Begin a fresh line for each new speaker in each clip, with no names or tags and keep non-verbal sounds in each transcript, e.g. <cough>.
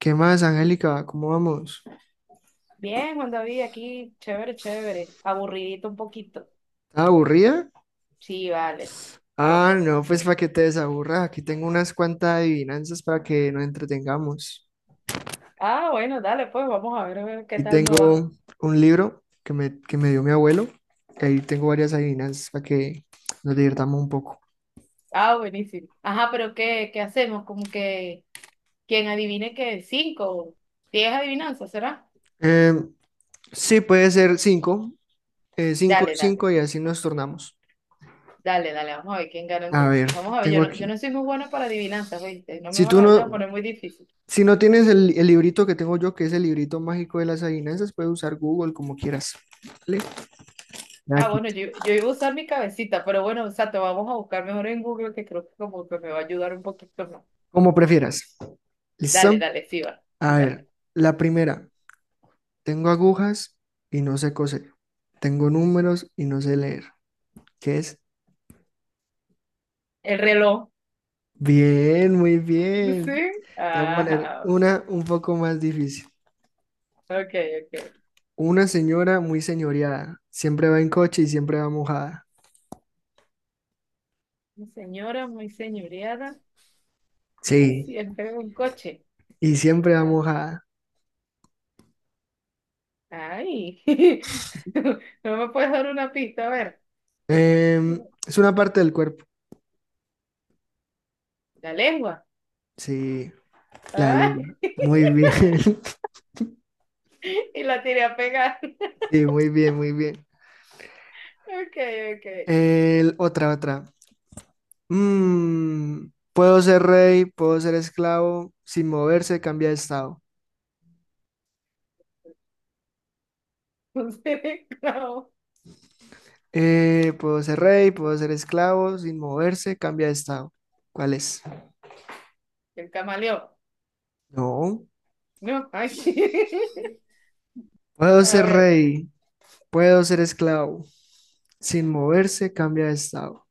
¿Qué más, Angélica? ¿Cómo vamos?
Bien, Juan David, aquí, chévere, chévere. Aburridito un poquito.
¿Estás aburrida?
Sí, vale,
Ah,
poco.
no, pues para que te desaburras. Aquí tengo unas cuantas adivinanzas para que nos entretengamos.
Ah, bueno, dale, pues vamos a ver qué
Aquí
tal me va.
tengo un libro que me dio mi abuelo, y ahí tengo varias adivinanzas para que nos divirtamos un poco.
Ah, buenísimo. Ajá, pero ¿qué hacemos? Como que quien adivine que cinco, 10 adivinanzas, ¿será?
Eh, sí, puede ser cinco. Cinco,
Dale, dale,
cinco, y así nos tornamos.
dale, dale, vamos a ver quién gana
A
entonces.
ver,
Vamos a ver, yo
tengo
no, yo
aquí.
no soy muy buena para adivinanzas, ¿viste? No me
Si tú
van a
no,
poner muy difícil.
si no tienes el librito que tengo yo, que es el librito mágico de las adivinanzas, puedes usar Google como quieras, ¿vale?
Ah,
Aquí.
bueno, yo iba a usar mi cabecita, pero bueno, o sea, te vamos a buscar mejor en Google, que creo que como que me va a ayudar un poquito más.
Como prefieras.
Dale,
¿Listo?
dale, sí va.
A
Dale.
ver, la primera. Tengo agujas y no sé coser. Tengo números y no sé leer. ¿Qué es?
El reloj.
Bien, muy bien.
Sí.
Te voy a poner
Ajá.
una un poco más difícil.
Ok, ok.
Una señora muy señoreada. Siempre va en coche y siempre va mojada.
Una señora muy señoreada,
Sí,
siempre un coche.
y siempre va
Ay.
mojada.
Ay. <laughs> No me puedes dar una pista, a ver.
Es una parte del cuerpo.
La lengua.
Sí, la
Ay.
lengua. Muy
<laughs>
bien. <laughs>
Y la tiré a pegar.
Sí, muy bien, muy bien.
Ok, ok.
Otra, otra. Mm, Puedo ser rey, puedo ser esclavo, sin moverse, cambia de estado.
Un cereclavo.
Puedo ser rey, puedo ser esclavo, sin moverse, cambia de estado. ¿Cuál es?
El camaleón.
No.
No, ay. <laughs>
Puedo
A
ser
ver.
rey, puedo ser esclavo, sin moverse, cambia de estado.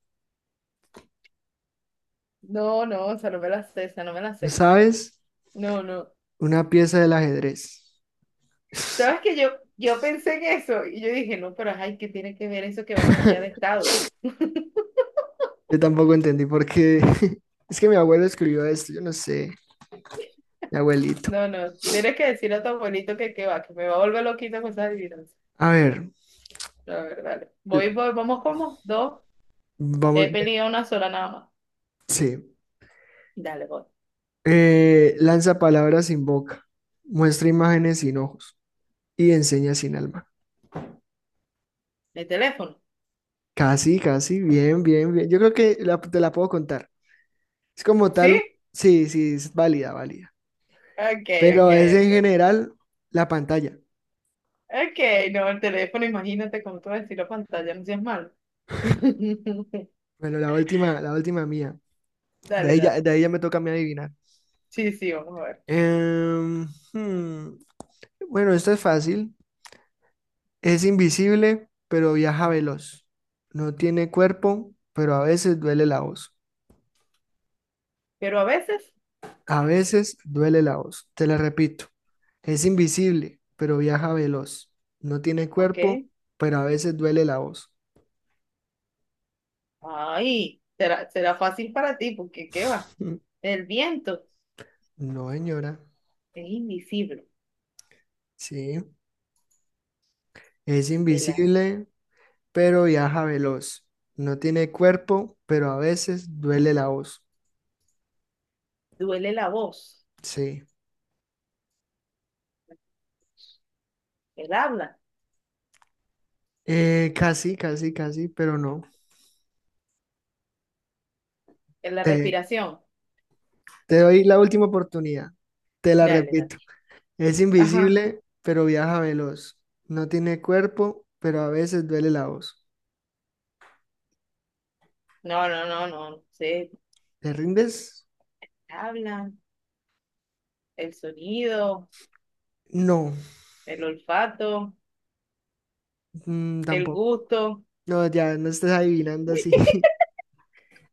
No, no, o sea, no me la sé, esa no me la
¿No?
sé.
¿Sabes?
No, no.
Una pieza del ajedrez.
¿Sabes que yo pensé en eso y yo dije, no, pero ay, ¿qué tiene que ver eso que va a cambiar de estado? <laughs>
Yo tampoco entendí por qué. <laughs> Es que mi abuelo escribió esto, yo no sé, mi abuelito.
No, no, tienes que decirle a tu abuelito que va, que me va a volver loquita con esas adivinanzas.
A ver,
A ver, dale.
l-
Voy, voy, vamos como dos. He
vamos,
pedido una sola nada más.
sí.
Dale, voy.
Lanza palabras sin boca, muestra imágenes sin ojos y enseña sin alma.
¿El teléfono?
Casi, casi, bien, bien, bien. Yo creo que te la puedo contar. Es como
¿Sí?
tal, sí, sí, es válida, válida.
Ok, ok,
Pero es en
ok.
general la pantalla.
Ok, no, el teléfono, imagínate cómo tú vas a decir la pantalla, no seas malo. <laughs>
Bueno, la última mía.
Dale, dale.
De ahí ya me toca a mí adivinar.
Sí, sí, vamos a ver.
Em, hmm, Bueno, esto es fácil. Es invisible, pero viaja veloz. No tiene cuerpo, pero a veces duele la voz.
Pero a veces,
A veces duele la voz, te la repito. Es invisible, pero viaja veloz. No tiene cuerpo,
ok.
pero a veces duele la voz.
Ay, será, será fácil para ti, porque ¿qué va?
<laughs>
El viento
No, señora.
es invisible,
Sí. Es
el a-
invisible, pero viaja veloz. No tiene cuerpo, pero a veces duele la voz.
duele la voz,
Sí.
el habla,
Casi, casi, casi, pero no.
en la
Te,
respiración.
Te doy la última oportunidad. Te la
Dale, dale.
repito. Es
Ajá.
invisible, pero viaja veloz. No tiene cuerpo, pero a veces duele la voz.
No, no, no, no, se
¿Te rindes?
hablan, el sonido,
No,
el olfato, el
tampoco.
gusto.
No, ya no estás adivinando así.
<laughs>
<laughs>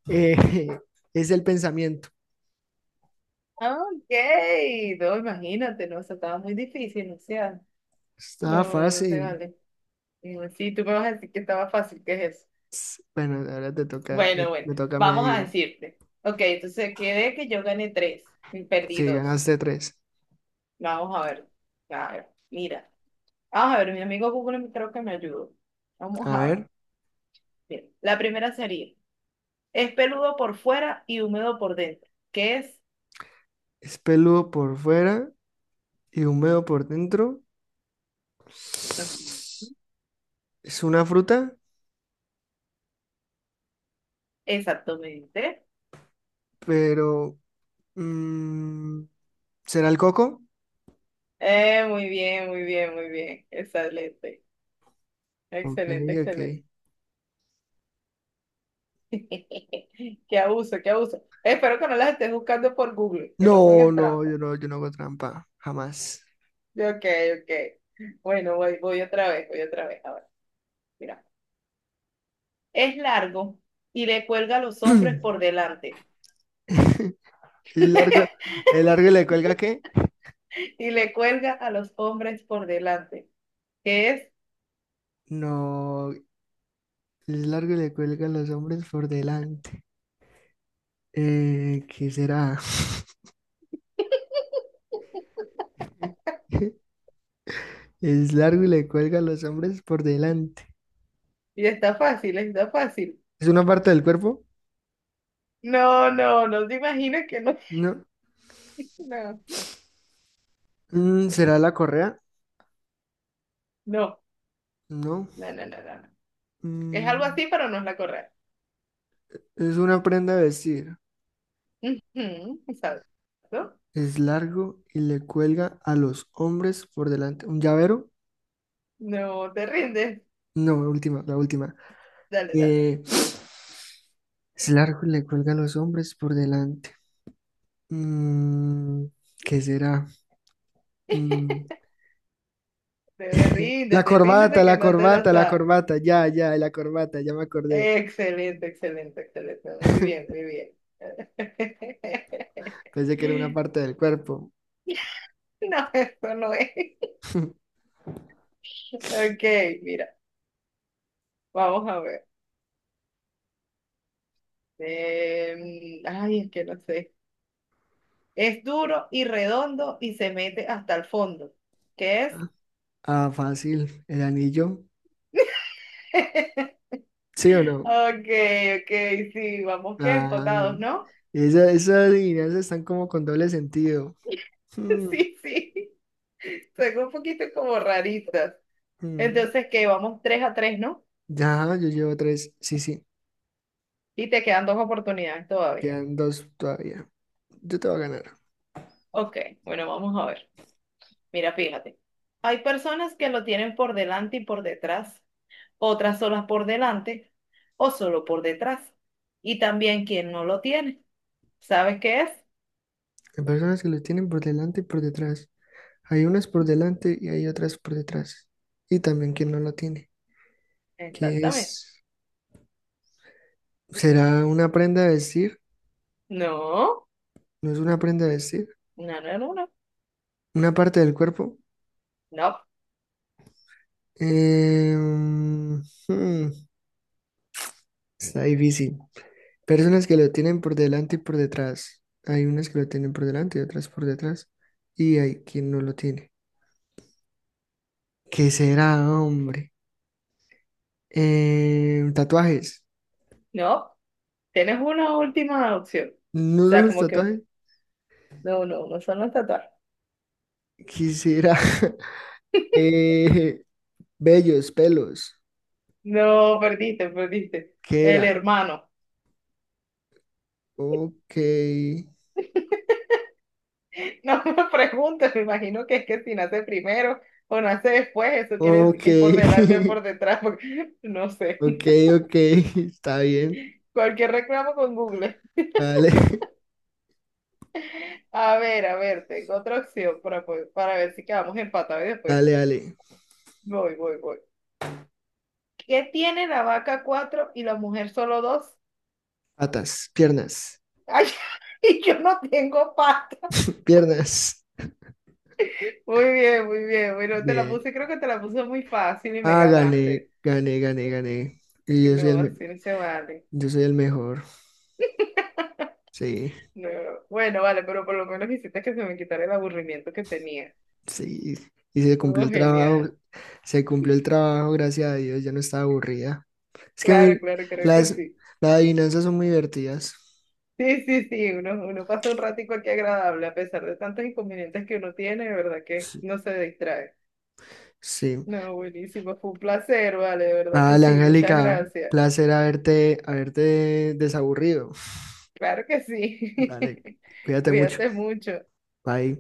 Eh, es el pensamiento.
Ok, no, imagínate, no, o sea, estaba muy difícil, no sea,
Estaba
no, no se
fácil.
vale. Mm, sí, tú me vas a decir que estaba fácil, ¿qué es eso?
Bueno, ahora te toca, me
Bueno, bueno,
me toca a mí
vamos a
adivinar.
decirte. Ok, entonces quedé que yo gané tres y perdí
Sí,
dos.
ganaste tres.
Vamos a ver. A ver, mira. Vamos a ver, mi amigo Google creo que me ayudó. Vamos
A
a ver.
ver,
Mira, la primera sería, es peludo por fuera y húmedo por dentro. ¿Qué es?
es peludo por fuera y húmedo por dentro.
Ujú.
Es una fruta,
Exactamente.
pero mm, ¿será el coco?
Muy bien, muy bien, muy bien. Excelente.
Ok,
Excelente,
ok.
excelente. <laughs> Qué abuso, qué abuso. Espero que no las estés buscando por Google, que no me
No,
hagas
no,
trampa.
yo no, yo no hago trampa, jamás.
Ok, ok. Bueno, voy, voy otra vez, voy otra vez. Ahora, mira. Es largo y le cuelga a los hombres por
<laughs>
delante.
<clears throat> El largo,
<laughs>
el largo le cuelga ¿qué?
Y le cuelga a los hombres por delante. ¿Qué es?
No, el largo le cuelga a los hombres por delante. ¿Qué será? <laughs> Es largo y le cuelga a los hombres por delante.
Y está fácil, está fácil.
¿Es una parte del cuerpo?
No, no, no te imaginas que no.
No.
<laughs>
¿Será la correa?
No, no,
No.
no, no, no, no. Es algo
Mm,
así, pero no es la correcta.
es una prenda de vestir.
Ujú, exacto. No,
Es largo y le cuelga a los hombres por delante. ¿Un llavero?
no, te rindes.
No, la última, la última.
Dale, dale.
Eh, <sniffs> es largo y le cuelga a los hombres por delante. Mm, ¿Qué será? Mm,
Te
<laughs> la
ríndete,
corbata,
ríndete que
la
no te lo
corbata, la
sabes.
corbata, ya, ya, la corbata, ya me acordé.
Excelente, excelente, excelente. Muy bien,
<laughs>
muy bien.
Pensé que era una
<laughs>
parte del cuerpo.
No, eso no es.
<laughs>
Ok, mira, vamos a ver. Ay, es que no sé. Es duro y redondo y se mete hasta el fondo. ¿Qué es?
Ah, fácil, el anillo.
<laughs>
¿Sí o no?
Ok, ok, sí, vamos que
Ah,
empatados,
no.
¿no?
Esas adivinanzas están como con doble sentido. <laughs>
<laughs>
Mm,
Sí, sí. Son un poquito como raritas.
mm.
Entonces, que vamos 3 a tres, ¿no?
Ya, yo llevo tres. Sí, sí,
Y te quedan dos oportunidades todavía.
quedan dos todavía. Yo te voy a ganar.
Ok, bueno, vamos a ver. Mira, fíjate, hay personas que lo tienen por delante y por detrás, otras solas por delante o solo por detrás. Y también quien no lo tiene. ¿Sabes qué es?
Hay personas que los tienen por delante y por detrás. Hay unas por delante y hay otras por detrás. Y también quien no la tiene, que es,
Exactamente.
será una prenda de vestir,
No,
no es una prenda de vestir,
no, no, no, no,
una parte del cuerpo.
no,
Em, hmm, está difícil. Personas que lo tienen por delante y por detrás. Hay unas que lo tienen por delante y otras por detrás. Y hay quien no lo tiene. ¿Qué será, hombre? Tatuajes.
no. Tienes una última opción.
¿No
O
son
sea,
los
como que
tatuajes?
no, no, no son los tatuajes.
¿Qué será? <laughs>
<laughs>
Eh, vellos, pelos.
No, perdiste, perdiste.
¿Qué
El
era?
hermano.
Ok,
<laughs> <laughs> No me preguntes, me imagino que es que si nace primero o nace después, eso quiere decir
ok,
que es por delante o
<laughs>
por detrás, porque <laughs> no sé.
ok, ok, <laughs> está bien.
Cualquier reclamo con Google.
Vale, <laughs>
A ver, tengo otra opción para, po- para ver si quedamos empatados y después
dale, dale.
voy, voy, voy. ¿Qué tiene la vaca cuatro y la mujer solo dos?
Patas, piernas,
Ay, <laughs> y yo no tengo pata.
piernas.
Muy bien, muy bien. Bueno, te la
Bien.
puse, creo que te la puse muy fácil y me
Ah, gané,
ganaste.
gané, gané, gané. Y yo soy
No,
el,
así no se vale.
yo soy el mejor. Sí,
No, bueno, vale, pero por lo menos hiciste que se me quitara el aburrimiento que tenía.
sí. Y se cumplió
Oh,
el trabajo,
genial.
se cumplió el trabajo, gracias a Dios, ya no estaba aburrida. Es que
Claro,
mi-
claro, creo que
las,
sí.
las adivinanzas son muy divertidas.
Sí, sí, sí, uno pasa un ratico aquí agradable, a pesar de tantos inconvenientes que uno tiene, de verdad que
Sí.
no se distrae.
Sí.
No, buenísimo, fue un placer, vale, de verdad que
Dale,
sí, muchas
Angélica,
gracias.
placer haberte desaburrido.
Claro que sí.
Dale,
<laughs>
cuídate mucho.
Cuídate mucho.
Bye.